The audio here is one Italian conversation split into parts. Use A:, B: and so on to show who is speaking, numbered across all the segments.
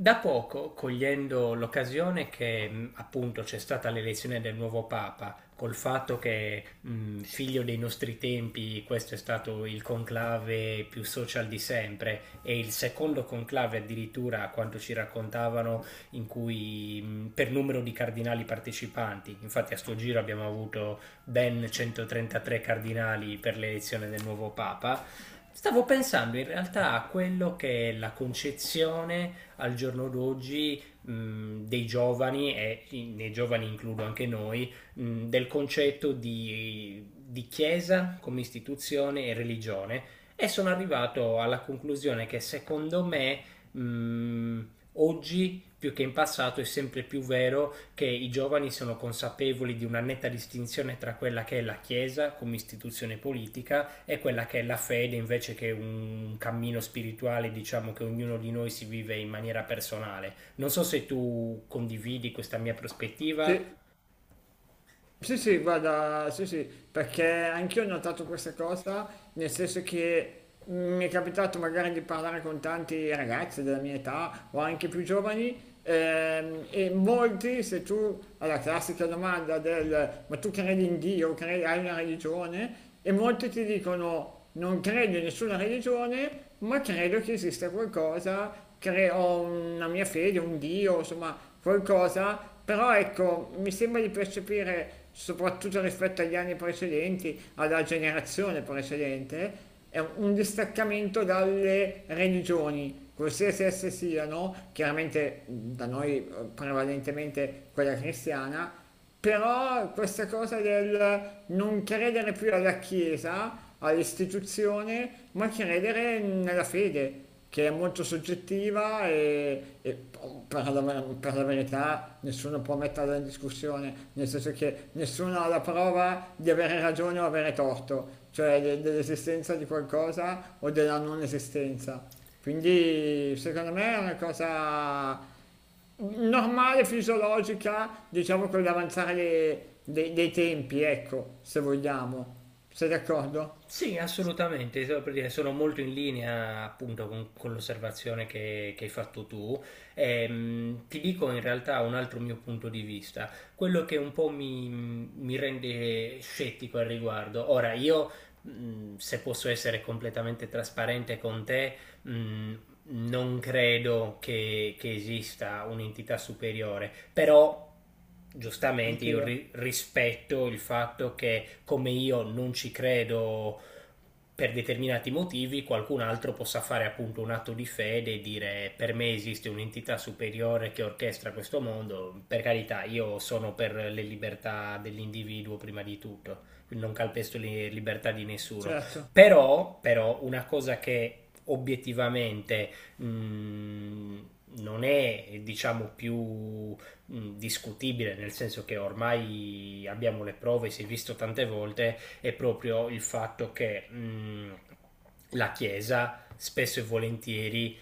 A: Da poco, cogliendo l'occasione che appunto c'è stata l'elezione del nuovo Papa, col fatto che figlio dei nostri tempi, questo è stato il conclave più social di sempre e il secondo conclave addirittura, a quanto ci raccontavano, in cui per numero di cardinali partecipanti. Infatti a sto giro abbiamo avuto ben 133 cardinali per l'elezione del nuovo Papa. Stavo pensando in realtà a quello che è la concezione al giorno d'oggi dei giovani, e nei giovani includo anche noi, del concetto di chiesa come istituzione e religione, e sono arrivato alla conclusione che secondo me mh, oggi più che in passato è sempre più vero che i giovani sono consapevoli di una netta distinzione tra quella che è la Chiesa come istituzione politica è quella che è la fede, invece, che un cammino spirituale, diciamo, che ognuno di noi si vive in maniera personale. Non so se tu condividi questa mia prospettiva.
B: Sì, sì, sì, guarda, sì, sì, perché anch'io ho notato questa cosa, nel senso che mi è capitato magari di parlare con tanti ragazzi della mia età o anche più giovani, e molti, se tu alla classica domanda del ma tu credi in Dio, credi, hai una religione, e molti ti dicono non credo in nessuna religione, ma credo che esista qualcosa, ho una mia fede, un Dio, insomma, qualcosa, però ecco, mi sembra di percepire soprattutto rispetto agli anni precedenti, alla generazione precedente, è un distaccamento dalle religioni, qualsiasi esse siano, chiaramente da noi prevalentemente quella cristiana, però questa cosa del non credere più alla Chiesa, all'istituzione, ma credere nella fede, che è molto soggettiva e per la verità nessuno può metterla in discussione, nel senso che nessuno ha la prova di avere ragione o avere torto, cioè dell'esistenza di qualcosa o della non esistenza. Quindi secondo me è una cosa normale, fisiologica, diciamo con l'avanzare dei tempi, ecco, se vogliamo. Sei d'accordo?
A: Sì, assolutamente, solo per dire, sono molto in linea appunto con l'osservazione che hai fatto tu. Ti dico in realtà un altro mio punto di vista, quello che un po' mi rende scettico al riguardo. Ora, io se posso essere completamente trasparente con te, mh, non credo che esista un'entità superiore, però giustamente io
B: Anch'io,
A: rispetto il fatto che, come io non ci credo per determinati motivi, qualcun altro possa fare appunto un atto di fede e dire: per me esiste un'entità superiore che orchestra questo mondo. Per carità, io sono per le libertà dell'individuo prima di tutto, quindi non calpesto le libertà di nessuno,
B: certo.
A: però, però una cosa che obiettivamente mh, non è, diciamo, più discutibile, nel senso che ormai abbiamo le prove, si è visto tante volte, è proprio il fatto che la Chiesa spesso e volentieri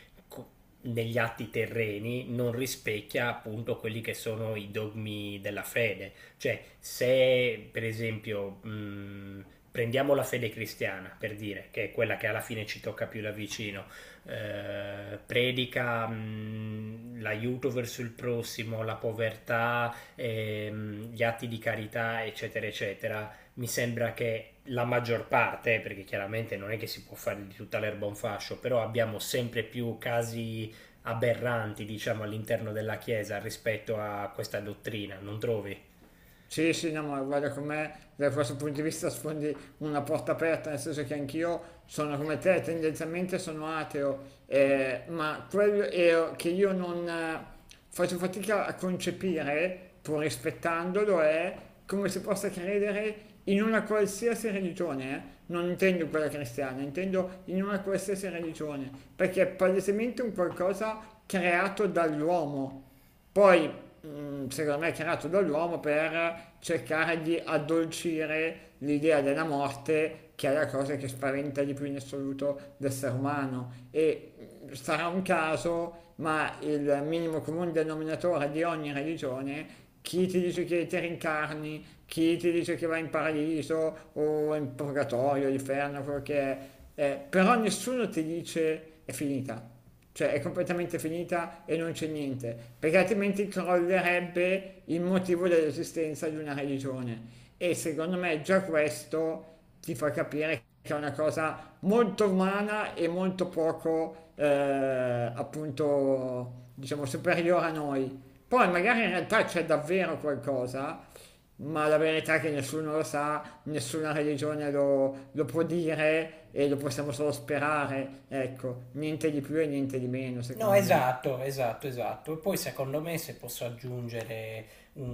A: negli atti terreni non rispecchia appunto quelli che sono i dogmi della fede. Cioè, se per esempio prendiamo la fede cristiana, per dire, che è quella che alla fine ci tocca più da vicino, predica l'aiuto verso il prossimo, la povertà, gli atti di carità, eccetera, eccetera, mi sembra che la maggior parte, perché chiaramente non è che si può fare di tutta l'erba un fascio, però abbiamo sempre più casi aberranti, diciamo, all'interno della Chiesa rispetto a questa dottrina, non trovi?
B: Sì, sì, no, ma guarda com'è, da questo punto di vista sfondi una porta aperta, nel senso che anch'io sono come te, tendenzialmente sono ateo, ma quello è che io non faccio fatica a concepire, pur rispettandolo, è come si possa credere in una qualsiasi religione, eh. Non intendo quella cristiana, intendo in una qualsiasi religione, perché è palesemente un qualcosa creato dall'uomo. Poi, secondo me, è creato dall'uomo per cercare di addolcire l'idea della morte, che è la cosa che spaventa di più in assoluto l'essere umano. E sarà un caso, ma il minimo comune denominatore di ogni religione chi ti dice che ti rincarni, chi ti dice che vai in paradiso o in purgatorio, l'inferno, quello che è. Però nessuno ti dice è finita, cioè è completamente finita e non c'è niente, perché altrimenti crollerebbe il motivo dell'esistenza di una religione. E secondo me già questo ti fa capire che è una cosa molto umana e molto poco, appunto, diciamo, superiore a noi. Poi magari in realtà c'è davvero qualcosa, ma la verità è che nessuno lo sa, nessuna religione lo può dire e lo possiamo solo sperare, ecco, niente di più e niente di meno,
A: No,
B: secondo me.
A: esatto, esatto, esatto. E poi secondo me, se posso aggiungere un,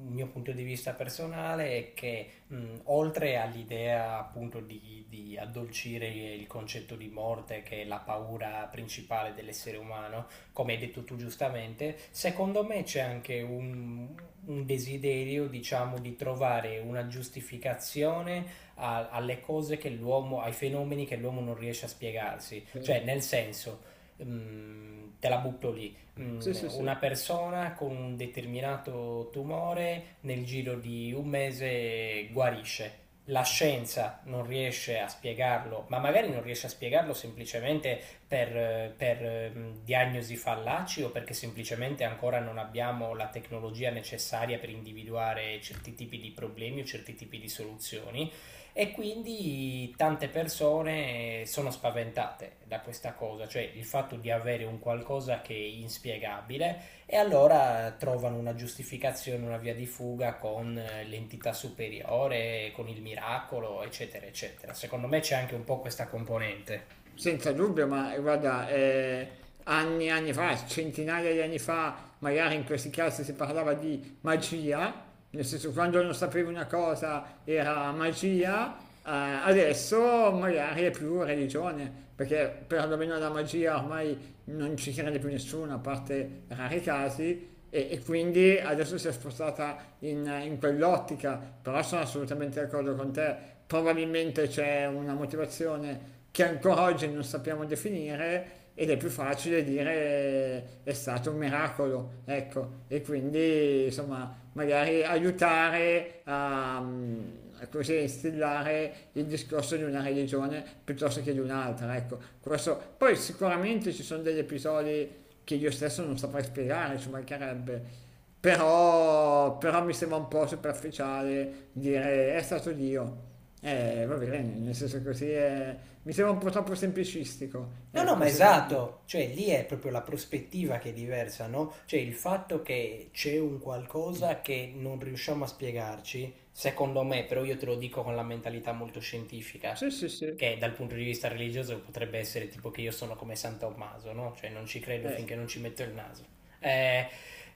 A: un mio punto di vista personale, è che oltre all'idea appunto di addolcire il concetto di morte, che è la paura principale dell'essere umano, come hai detto tu giustamente, secondo me c'è anche un desiderio, diciamo, di trovare una giustificazione alle cose che l'uomo, ai fenomeni che l'uomo non riesce a spiegarsi.
B: Cioè,
A: Cioè, nel senso, te la butto lì,
B: sì, sì, sì.
A: una persona con un determinato tumore nel giro di un mese guarisce. La scienza non riesce a spiegarlo, ma magari non riesce a spiegarlo semplicemente per diagnosi fallaci, o perché semplicemente ancora non abbiamo la tecnologia necessaria per individuare certi tipi di problemi o certi tipi di soluzioni, e quindi tante persone sono spaventate da questa cosa, cioè il fatto di avere un qualcosa che è inspiegabile, e allora trovano una giustificazione, una via di fuga con l'entità superiore, con il miracolo, eccetera, eccetera. Secondo me c'è anche un po' questa componente.
B: Senza dubbio, ma guarda, anni e anni fa, centinaia di anni fa, magari in questi casi si parlava di magia, nel senso quando non sapevi una cosa era magia, eh, adesso magari è più religione, perché perlomeno la magia ormai non ci crede più nessuno, a parte rari casi, e quindi adesso si è spostata in quell'ottica, però sono assolutamente d'accordo con te, probabilmente c'è una motivazione che ancora oggi non sappiamo definire ed è più facile dire è stato un miracolo, ecco, e quindi insomma magari aiutare a così instillare il discorso di una religione piuttosto che di un'altra, ecco, questo. Poi sicuramente ci sono degli episodi che io stesso non saprei spiegare, ci mancherebbe. Però mi sembra un po' superficiale dire è stato Dio. Va bene, nel senso così è. Mi sembra un po' troppo semplicistico,
A: No, no, ma
B: ecco, secondo me.
A: esatto, cioè lì è proprio la prospettiva che è diversa, no? Cioè il fatto che c'è un qualcosa che non riusciamo a spiegarci, secondo me, però io te lo dico con la mentalità molto scientifica,
B: Sì, sì, sì.
A: che dal punto di vista religioso potrebbe essere tipo che io sono come San Tommaso, no? Cioè non ci credo
B: Eh,
A: finché non ci metto il naso. Eh,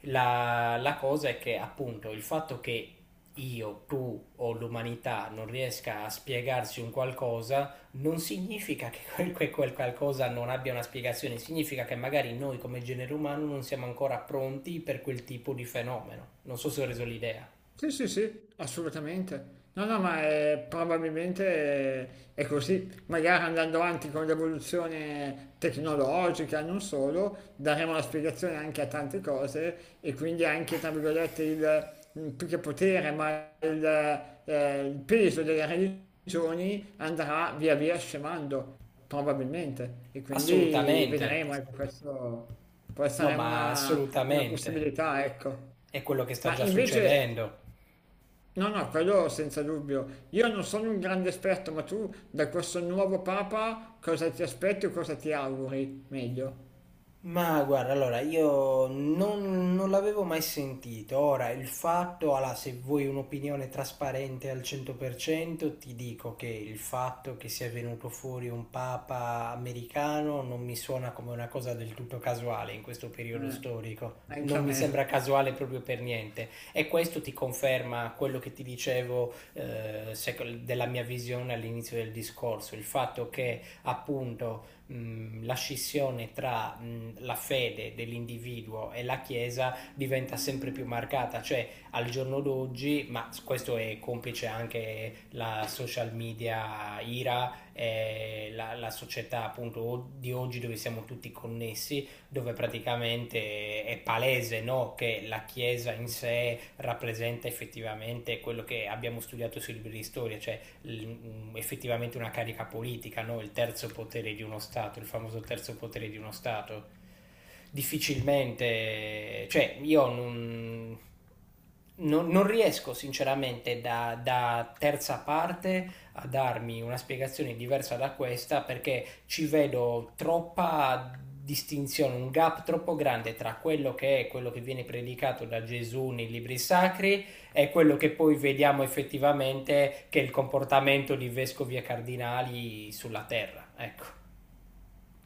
A: la cosa è che appunto il fatto che io, tu o l'umanità non riesca a spiegarsi un qualcosa, non significa che quel qualcosa non abbia una spiegazione, significa che magari noi come genere umano non siamo ancora pronti per quel tipo di fenomeno. Non so se ho reso l'idea.
B: Sì, sì, sì, assolutamente. No, no, ma probabilmente è, così. Magari andando avanti con l'evoluzione tecnologica, non solo, daremo la spiegazione anche a tante cose e quindi anche, tra virgolette, il, più che potere, ma il peso delle religioni andrà via via scemando, probabilmente. E quindi
A: Assolutamente.
B: vedremo, ecco, questo può
A: No,
B: essere
A: ma
B: una
A: assolutamente.
B: possibilità, ecco.
A: È quello che sta
B: Ma
A: già
B: invece.
A: succedendo.
B: No, no, quello senza dubbio. Io non sono un grande esperto, ma tu da questo nuovo Papa cosa ti aspetti o cosa ti auguri? Meglio.
A: Ma guarda, allora io non l'avevo mai sentito. Ora, il fatto, allora, se vuoi un'opinione trasparente al 100%, ti dico che il fatto che sia venuto fuori un papa americano non mi suona come una cosa del tutto casuale in questo periodo
B: Eh,
A: storico.
B: anche a
A: Non mi sembra
B: me.
A: casuale proprio per niente. E questo ti conferma quello che ti dicevo, sec- della mia visione all'inizio del discorso, il fatto che appunto la scissione tra la fede dell'individuo e la Chiesa diventa sempre più marcata, cioè al giorno d'oggi, ma questo è complice anche la social media IRA, la società appunto di oggi, dove siamo tutti connessi, dove praticamente è palese, no, che la Chiesa in sé rappresenta effettivamente quello che abbiamo studiato sui libri di storia, cioè effettivamente una carica politica, no? Il terzo potere di uno Stato, il famoso terzo potere di uno Stato. Difficilmente, cioè io non riesco sinceramente da terza parte a darmi una spiegazione diversa da questa, perché ci vedo troppa distinzione, un gap troppo grande tra quello che è quello che viene predicato da Gesù nei libri sacri è quello che poi vediamo effettivamente che è il comportamento di vescovi e cardinali sulla terra. Ecco.